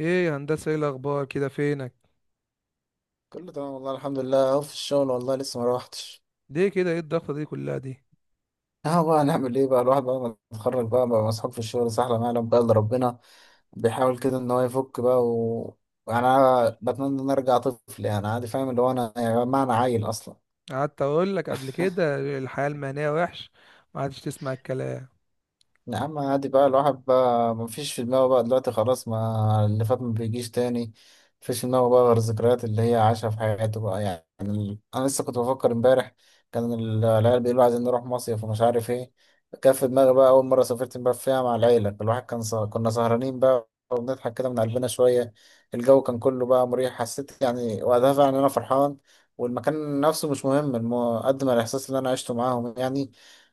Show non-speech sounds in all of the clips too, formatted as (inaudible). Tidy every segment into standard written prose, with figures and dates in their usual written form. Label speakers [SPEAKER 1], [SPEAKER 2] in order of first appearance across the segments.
[SPEAKER 1] ايه يا هندسه، ايه الاخبار كده؟ فينك؟
[SPEAKER 2] كله تمام، والله الحمد لله. اهو في الشغل، والله لسه ما روحتش.
[SPEAKER 1] ليه كده؟ ايه الضغطه دي كلها دي؟
[SPEAKER 2] اهو بقى نعمل ايه بقى؟ الواحد بقى ما اتخرج بقى مسحوق في الشغل، سحلة ما يعلم بقى الا ربنا. بيحاول كده ان هو يفك بقى. يعني انا بتمنى ان أنا ارجع طفل، يعني عادي فاهم اللي هو، انا يعني ما انا عيل اصلا.
[SPEAKER 1] قعدت اقول لك قبل كده الحياه المهنيه وحش. ما عادش تسمع الكلام.
[SPEAKER 2] يا عم عادي بقى، الواحد بقى مفيش في دماغه بقى دلوقتي، خلاص، ما اللي فات ما بيجيش تاني. مفيش في دماغه بقى غير الذكريات اللي هي عاشها في حياته بقى، يعني انا لسه كنت بفكر امبارح. كان العيال بيقولوا عايزين نروح مصيف ومش عارف ايه. كان في دماغي بقى اول مره سافرت امبارح فيها مع العيله، الواحد كان كنا سهرانين بقى وبنضحك كده من قلبنا شويه. الجو كان كله بقى مريح، حسيت يعني وقتها فعلا إن انا فرحان. والمكان نفسه مش مهم قد ما الاحساس اللي انا عشته معاهم يعني.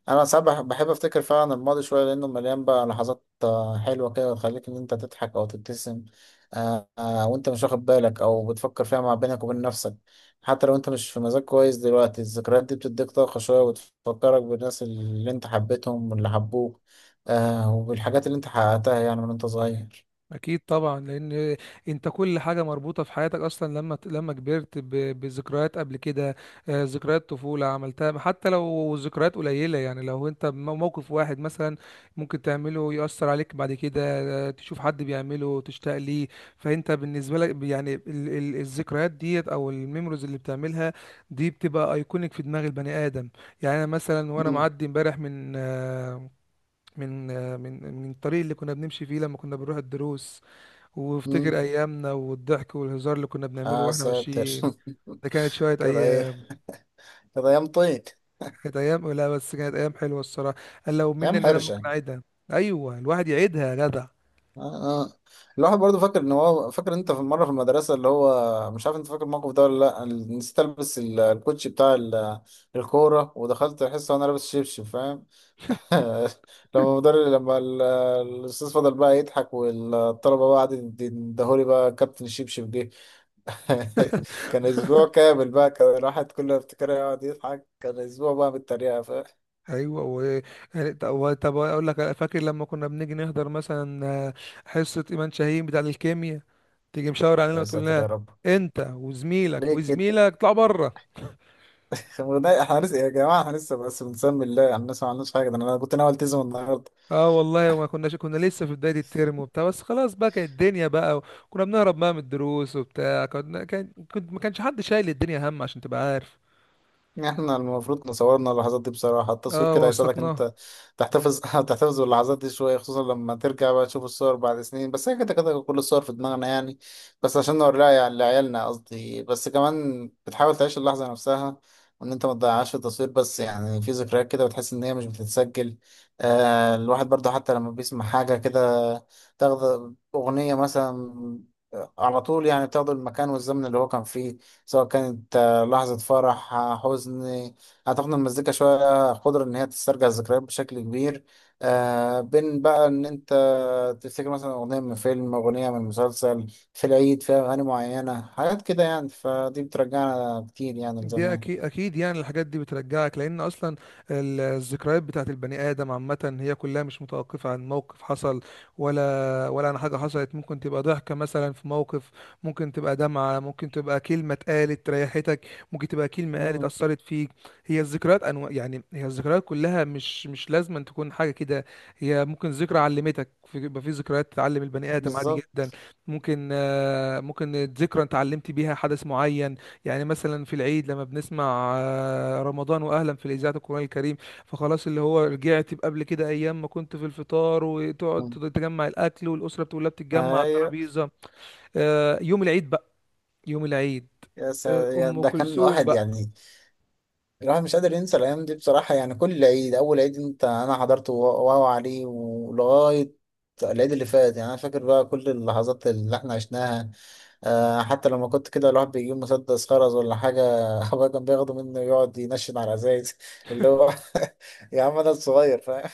[SPEAKER 2] انا ساعات بحب افتكر فعلا الماضي شويه، لانه مليان بقى لحظات حلوه كده تخليك ان انت تضحك او تبتسم. وانت مش واخد بالك او بتفكر فيها مع بينك وبين نفسك. حتى لو انت مش في مزاج كويس دلوقتي، الذكريات دي بتديك طاقه شويه وتفكرك بالناس اللي انت حبيتهم واللي حبوك. وبالحاجات اللي انت حققتها يعني من انت صغير.
[SPEAKER 1] اكيد طبعا، لان انت كل حاجه مربوطه في حياتك اصلا لما كبرت بذكريات قبل كده. ذكريات طفوله عملتها حتى لو ذكريات قليله. يعني لو انت موقف واحد مثلا ممكن تعمله يؤثر عليك بعد كده. تشوف حد بيعمله تشتاق ليه. فانت بالنسبه لك يعني الذكريات ديت او الميموريز اللي بتعملها دي بتبقى ايكونيك في دماغ البني ادم. يعني انا مثلا وانا
[SPEAKER 2] مم.
[SPEAKER 1] معدي امبارح من من الطريق اللي كنا بنمشي فيه لما كنا بنروح الدروس،
[SPEAKER 2] مم.
[SPEAKER 1] وافتكر ايامنا والضحك والهزار اللي كنا بنعمله
[SPEAKER 2] آه
[SPEAKER 1] واحنا
[SPEAKER 2] ساتر
[SPEAKER 1] ماشيين. ده كانت شويه
[SPEAKER 2] (laughs) كده ايه.
[SPEAKER 1] ايام.
[SPEAKER 2] كده ايام طيب.
[SPEAKER 1] كانت ايام، لا بس كانت ايام حلوه الصراحه. قال لو مني
[SPEAKER 2] ايام
[SPEAKER 1] ان انا ممكن
[SPEAKER 2] حرشه.
[SPEAKER 1] اعيدها. ايوه الواحد يعيدها يا جدع.
[SPEAKER 2] آه. آه. الواحد برضه فاكر ان هو، فاكر انت في مره في المدرسه اللي هو مش عارف انت فاكر الموقف ده ولا لا، نسيت البس الكوتشي بتاع الكوره ودخلت الحصه وانا لابس شبشب فاهم. (laughs) لما
[SPEAKER 1] (laughs)
[SPEAKER 2] المدرب لما ال- الاستاذ فضل بقى يضحك والطلبه بقى قعدت تدهولي بقى كابتن الشبشب جه. (laughs) كان اسبوع كامل بقى، كان الواحد كل ما يفتكرها يقعد يضحك، كان اسبوع بقى بالتريقه فاهم.
[SPEAKER 1] ايوه و... يعني طب اقول لك، فاكر لما كنا بنيجي نحضر مثلا حصه ايمان شاهين بتاع الكيمياء؟ تيجي مشاور علينا
[SPEAKER 2] يا
[SPEAKER 1] وتقول
[SPEAKER 2] ساتر
[SPEAKER 1] لنا
[SPEAKER 2] يا رب.
[SPEAKER 1] انت وزميلك
[SPEAKER 2] ليه كده؟
[SPEAKER 1] وزميلك اطلعوا بره.
[SPEAKER 2] (laughs) احنا لسه بس بنسمي الله يعني، الناس ما عملناش حاجه، ده انا كنت ناوي التزم النهارده.
[SPEAKER 1] اه والله ما كناش، كنا لسه في بداية الترم وبتاع، بس خلاص بقى كانت الدنيا بقى. كنا بنهرب بقى من الدروس وبتاع، كنا كان كنت ما كانش حد شايل الدنيا هم، عشان تبقى عارف.
[SPEAKER 2] احنا المفروض نصورنا اللحظات دي بصراحة، التصوير
[SPEAKER 1] اه
[SPEAKER 2] كده هيساعدك ان
[SPEAKER 1] وثقناها.
[SPEAKER 2] انت تحتفظ (laughs) تحتفظ باللحظات دي شوية، خصوصا لما ترجع بقى تشوف الصور بعد سنين، بس هي كده كده كل الصور في دماغنا يعني. بس عشان نوريها يعني لعيالنا قصدي، بس كمان بتحاول تعيش اللحظة نفسها وان انت ما تضيعهاش في التصوير، بس يعني في ذكريات كده بتحس ان هي مش بتتسجل. آه الواحد برضه حتى لما بيسمع حاجة كده، تاخد أغنية مثلا، على طول، يعني بتاخد المكان والزمن اللي هو كان فيه، سواء كانت لحظة فرح، حزن. أعتقد إن المزيكا شوية قدرة إن هي تسترجع الذكريات بشكل كبير. بين بقى إن أنت تفتكر مثلا أغنية من فيلم، أغنية من مسلسل، في العيد فيها أغاني معينة، حاجات كده يعني، فدي بترجعنا كتير يعني
[SPEAKER 1] دي
[SPEAKER 2] لزمان.
[SPEAKER 1] اكيد اكيد، يعني الحاجات دي بترجعك لان اصلا الذكريات بتاعت البني ادم عامه هي كلها مش متوقفه عن موقف حصل، ولا عن حاجه حصلت. ممكن تبقى ضحكه مثلا في موقف، ممكن تبقى دمعه، ممكن تبقى كلمه اتقالت ريحتك، ممكن تبقى كلمه قالت
[SPEAKER 2] مم.
[SPEAKER 1] اثرت فيك. هي الذكريات انواع، يعني هي الذكريات كلها مش لازم أن تكون حاجه كده. هي ممكن ذكرى علمتك يبقى في ذكريات تعلم البني ادم، عادي جدا.
[SPEAKER 2] بالظبط.
[SPEAKER 1] ممكن ممكن ذكرى انت علمت بيها حدث معين. يعني مثلا في العيد لما بنسمع رمضان واهلا في الاذاعه القران الكريم، فخلاص اللي هو رجعت قبل كده، ايام ما كنت في الفطار وتقعد
[SPEAKER 2] مم.
[SPEAKER 1] تجمع الاكل، والاسره بتقول لها بتتجمع على
[SPEAKER 2] أيوه.
[SPEAKER 1] الترابيزه. يوم العيد بقى. يوم العيد. ام
[SPEAKER 2] ده كان
[SPEAKER 1] كلثوم
[SPEAKER 2] واحد
[SPEAKER 1] بقى.
[SPEAKER 2] يعني، الواحد مش قادر ينسى الأيام دي بصراحة، يعني كل عيد، أول عيد أنت أنا حضرته، واو عليه، ولغاية العيد اللي فات يعني، أنا فاكر بقى كل اللحظات اللي إحنا عشناها. حتى لما كنت كده، الواحد بيجيب مسدس خرز ولا حاجة، (laughs) أبويا كان بياخده منه يقعد ينشن على الأزايز اللي هو (laughs) يا عم أنا الصغير فاهم.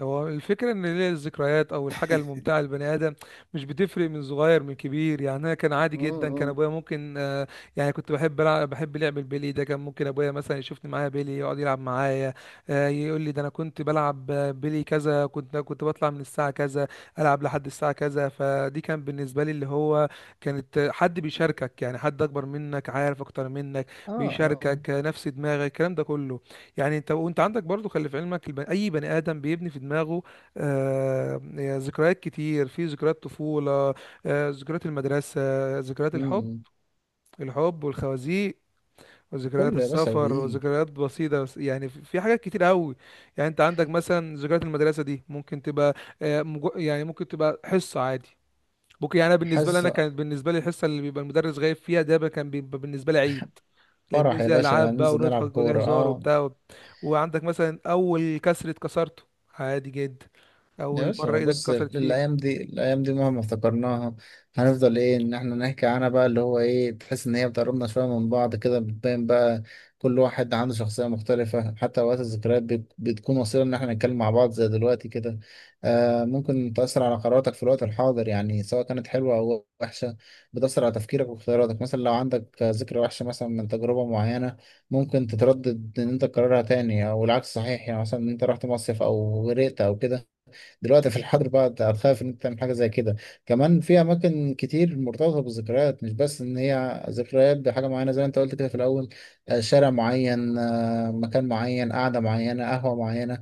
[SPEAKER 1] هو الفكرة إن ليه الذكريات أو الحاجة الممتعة للبني آدم مش بتفرق من صغير من كبير. يعني أنا كان عادي جدا، كان
[SPEAKER 2] مم.
[SPEAKER 1] أبويا ممكن يعني كنت بحب ألعب، بحب لعب البيلي، ده كان ممكن أبويا مثلا يشوفني معايا بيلي يقعد يلعب معايا. يقول لي ده أنا كنت بلعب بيلي كذا، كنت بطلع من الساعة كذا ألعب لحد الساعة كذا. فدي كان بالنسبة لي اللي هو كانت حد بيشاركك، يعني حد أكبر منك عارف أكتر منك
[SPEAKER 2] اه اه.
[SPEAKER 1] بيشاركك نفس دماغك، الكلام ده كله. يعني انت وانت عندك برضو، خلي في علمك اي بني ادم بيبني في دماغه آه... ذكريات كتير. في ذكريات طفولة، ذكريات المدرسة، ذكريات الحب،
[SPEAKER 2] مم.
[SPEAKER 1] الحب والخوازيق، وذكريات
[SPEAKER 2] كله يا باشا
[SPEAKER 1] السفر،
[SPEAKER 2] بيجي.
[SPEAKER 1] وذكريات بسيطة، بس يعني في في حاجات كتير قوي. يعني انت عندك مثلا ذكريات المدرسة دي ممكن تبقى يعني ممكن تبقى حصة عادي. ممكن يعني أنا بالنسبة لي، انا
[SPEAKER 2] حاسة.
[SPEAKER 1] كانت بالنسبة لي الحصة اللي بيبقى المدرس غايب فيها، ده بقى كان بيبقى بالنسبة لي عيد، لان
[SPEAKER 2] فرح يا
[SPEAKER 1] زي
[SPEAKER 2] باشا،
[SPEAKER 1] العاب بقى
[SPEAKER 2] ننزل نلعب
[SPEAKER 1] ونضحك ودي
[SPEAKER 2] كورة،
[SPEAKER 1] هزار
[SPEAKER 2] اه.
[SPEAKER 1] وبتاع. وعندك مثلا اول كسر اتكسرته، عادي جدا،
[SPEAKER 2] يا
[SPEAKER 1] اول مره
[SPEAKER 2] باشا
[SPEAKER 1] ايدك
[SPEAKER 2] بص،
[SPEAKER 1] اتكسرت فيها.
[SPEAKER 2] الأيام دي الأيام دي مهما افتكرناها هنفضل إيه، إن إحنا نحكي عنها بقى، اللي هو إيه، تحس إن هي بتقربنا شوية من بعض، كده بتبان بقى كل واحد عنده شخصية مختلفة، حتى وقت الذكريات بتكون وسيلة إن إحنا نتكلم مع بعض زي دلوقتي كده. آه ممكن تأثر على قراراتك في الوقت الحاضر، يعني سواء كانت حلوة أو وحشة، بتأثر على تفكيرك واختياراتك، مثلا لو عندك ذكرى وحشة مثلا من تجربة معينة، ممكن تتردد إن أنت تكررها تاني، أو العكس صحيح يعني، مثلا إن أنت رحت مصيف أو غرقت أو كده، دلوقتي في الحر بقى هتخاف ان انت تعمل حاجه زي كده. كمان في اماكن كتير مرتبطه بالذكريات، مش بس ان هي ذكريات بحاجه معينه زي ما انت قلت كده في الاول، شارع معين، مكان معين، قعده معينه، قهوه معينه.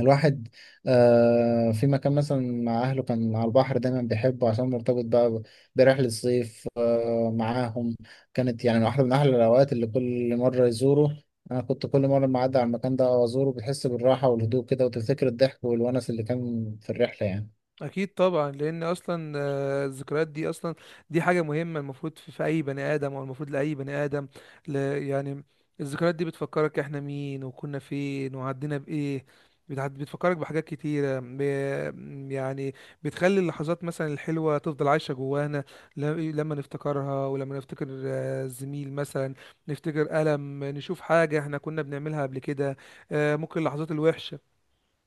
[SPEAKER 2] الواحد في مكان مثلا مع أهله كان على البحر دايما بيحبه عشان مرتبط بقى برحلة صيف معاهم، كانت يعني واحدة من أحلى الأوقات اللي كل مرة يزوره. أنا كنت كل مرة ما أعدي على المكان ده أو أزوره بتحس بالراحة والهدوء كده، وتفتكر الضحك والونس اللي كان في الرحلة يعني.
[SPEAKER 1] اكيد طبعا، لان اصلا الذكريات دي اصلا دي حاجه مهمه المفروض في, في اي بني ادم او المفروض لاي بني ادم، يعني الذكريات دي بتفكرك احنا مين وكنا فين وعدينا بايه. بتفكرك بحاجات كتيرة يعني بتخلي اللحظات مثلا الحلوة تفضل عايشة جوانا. ل... لما نفتكرها، ولما نفتكر الزميل مثلا، نفتكر ألم، نشوف حاجة احنا كنا بنعملها قبل كده. ممكن اللحظات الوحشة،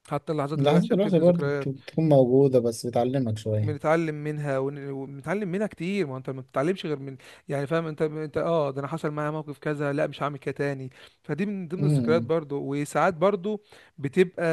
[SPEAKER 1] حتى اللحظات
[SPEAKER 2] لحظات
[SPEAKER 1] الوحشة
[SPEAKER 2] الوحشة
[SPEAKER 1] بتبني
[SPEAKER 2] برضه
[SPEAKER 1] ذكريات.
[SPEAKER 2] بتكون موجودة، بس بتعلمك شوية.
[SPEAKER 1] بنتعلم منها وبنتعلم منها كتير، ما انت ما بتتعلمش غير من، يعني فاهم انت، انت، ده انا حصل معايا موقف كذا، لا مش هعمل كده تاني. فدي من ضمن الذكريات
[SPEAKER 2] مم.
[SPEAKER 1] برضو. وساعات برضو بتبقى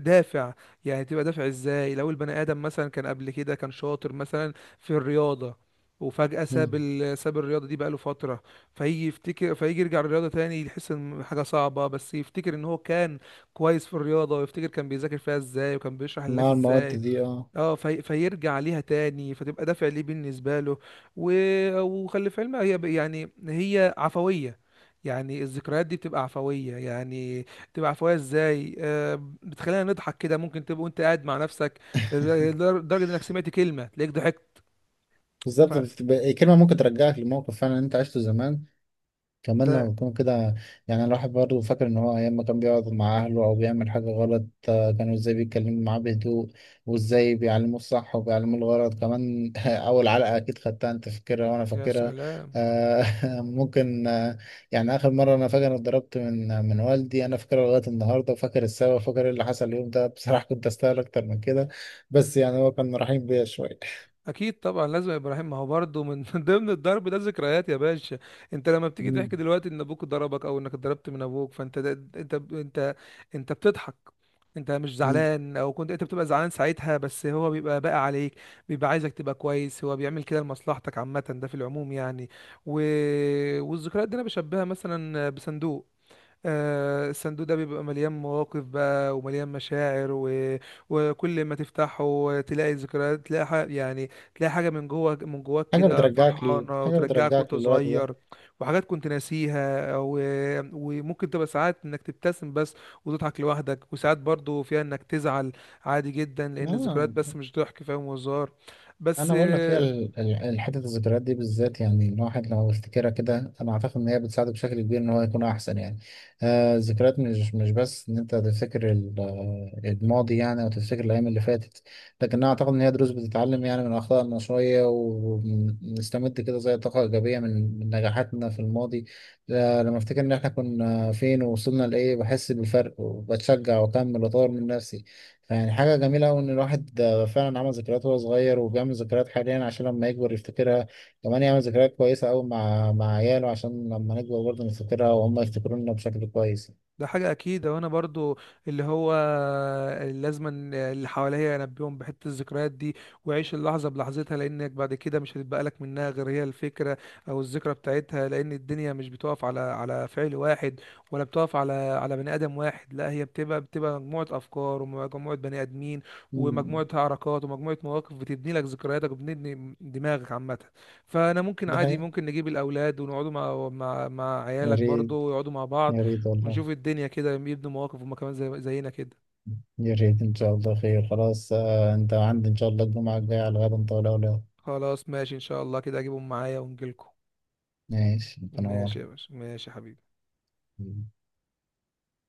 [SPEAKER 1] دافع. يعني تبقى دافع ازاي؟ لو البني ادم مثلا كان قبل كده كان شاطر مثلا في الرياضة، وفجأة
[SPEAKER 2] مم.
[SPEAKER 1] ساب الرياضة دي بقاله فترة، فيجي يرجع للرياضة تاني، يحس ان حاجة صعبة، بس يفتكر ان هو كان كويس في الرياضة، ويفتكر كان بيذاكر فيها ازاي وكان بيشرح للناس
[SPEAKER 2] مع المواد
[SPEAKER 1] ازاي.
[SPEAKER 2] دي اه.
[SPEAKER 1] فيرجع ليها تاني، فتبقى دافع ليه بالنسبة له. و... وخلي في علمها، يعني هي عفوية. يعني الذكريات دي بتبقى عفوية. يعني بتبقى عفوية ازاي؟ آه، بتخلينا نضحك كده، ممكن تبقى وانت قاعد مع نفسك
[SPEAKER 2] (laughs)
[SPEAKER 1] لدرجة انك سمعت كلمة تلاقيك ضحكت.
[SPEAKER 2] بالظبط، كلمة ممكن ترجعك لموقف فعلا أنت عشته زمان، كمان
[SPEAKER 1] فده
[SPEAKER 2] لما يكون كده. يعني الواحد برضه فاكر إن هو أيام ما كان بيقعد مع أهله أو بيعمل حاجة غلط، كانوا إزاي بيتكلموا معاه بهدوء، وإزاي بيعلموه الصح وبيعلموه الغلط كمان. (laughs) أول علقة أكيد خدتها، أنت فاكرها وأنا
[SPEAKER 1] يا
[SPEAKER 2] فاكرها.
[SPEAKER 1] سلام،
[SPEAKER 2] آه، (laughs) ممكن يعني آخر مرة أنا فاكر إني اتضربت من والدي، أنا فاكرها لغاية النهاردة، وفاكر السبب وفاكر إيه اللي حصل اليوم ده. (laughs) بصراحة كنت أستاهل أكتر من كده، بس يعني هو كان رحيم بيا شوية.
[SPEAKER 1] اكيد طبعا. لازم يا ابراهيم، ما هو برضه من (laughs) ضمن الضرب ده ذكريات يا باشا. انت لما
[SPEAKER 2] (laughs)
[SPEAKER 1] بتيجي تحكي
[SPEAKER 2] مم.
[SPEAKER 1] دلوقتي ان ابوك ضربك او انك اتضربت من ابوك، فانت ده انت انت انت بتضحك، انت مش
[SPEAKER 2] مم.
[SPEAKER 1] زعلان. او كنت انت بتبقى زعلان ساعتها، بس هو بيبقى باقي عليك، بيبقى عايزك تبقى كويس، هو بيعمل كده لمصلحتك عامه، ده في العموم يعني. و... والذكريات دي انا بشبهها مثلا بصندوق. الصندوق ده بيبقى مليان مواقف بقى ومليان مشاعر و... وكل ما تفتحه تلاقي ذكريات، تلاقي حاجة، يعني تلاقي حاجة من جوه، من جواك
[SPEAKER 2] حاجة
[SPEAKER 1] كده
[SPEAKER 2] بترجعك ليه،
[SPEAKER 1] فرحانة،
[SPEAKER 2] حاجة
[SPEAKER 1] وترجعك
[SPEAKER 2] بترجعك
[SPEAKER 1] وانت
[SPEAKER 2] للوقت ده.
[SPEAKER 1] صغير، وحاجات كنت ناسيها و... وممكن تبقى ساعات انك تبتسم بس وتضحك لوحدك، وساعات برضو فيها انك تزعل، عادي جدا، لان
[SPEAKER 2] آه
[SPEAKER 1] الذكريات بس مش ضحك فاهم وهزار بس.
[SPEAKER 2] انا بقول لك هي حته الذكريات دي بالذات يعني، الواحد لو يفتكرها كده انا اعتقد ان هي بتساعده بشكل كبير ان هو يكون احسن يعني. آه الذكريات مش بس ان انت تفتكر الماضي يعني، او تفتكر الايام اللي فاتت، لكن انا اعتقد ان هي دروس بتتعلم يعني من اخطائنا شويه، ونستمد كده زي طاقه ايجابيه من نجاحاتنا في الماضي. لما افتكر ان احنا كنا فين ووصلنا لايه بحس بالفرق وبتشجع واكمل واطور من نفسي. يعني حاجة جميلة أوي إن الواحد فعلا عمل ذكريات وهو صغير، وبيعمل ذكريات حاليا عشان لما يكبر يفتكرها. كمان يعمل ذكريات كويسة أوي مع عياله عشان لما نكبر برضه نفتكرها وهم يفتكرونا بشكل كويس.
[SPEAKER 1] ده حاجة أكيد وأنا برضو اللي هو لازما اللي حواليا أنبيهم بحتة الذكريات دي، وعيش اللحظة بلحظتها، لأنك بعد كده مش هتبقى لك منها غير هي الفكرة أو الذكرى بتاعتها، لأن الدنيا مش بتقف على على فعل واحد، ولا بتقف على على بني آدم واحد، لا هي بتبقى مجموعة أفكار ومجموعة بني آدمين
[SPEAKER 2] مم.
[SPEAKER 1] ومجموعة حركات ومجموعة مواقف، بتبني لك ذكرياتك وبتبني دماغك عامة. فأنا ممكن،
[SPEAKER 2] دي
[SPEAKER 1] عادي
[SPEAKER 2] حقيقة.
[SPEAKER 1] ممكن نجيب الأولاد ونقعدوا مع
[SPEAKER 2] يا
[SPEAKER 1] عيالك
[SPEAKER 2] ريت.
[SPEAKER 1] برضو ويقعدوا مع بعض،
[SPEAKER 2] يا ريت والله.
[SPEAKER 1] ونشوف الدنيا كده يبنوا مواقف هما كمان زي زينا كده.
[SPEAKER 2] يا ريت إن شاء الله خير. خلاص أنت عندي إن شاء الله الجمعة الجاية على غدا إن طال عمرك.
[SPEAKER 1] خلاص ماشي ان شاء الله، كده اجيبهم معايا ونجيلكم.
[SPEAKER 2] ماشي تنور.
[SPEAKER 1] ماشي يا باشا، ماشي يا حبيبي.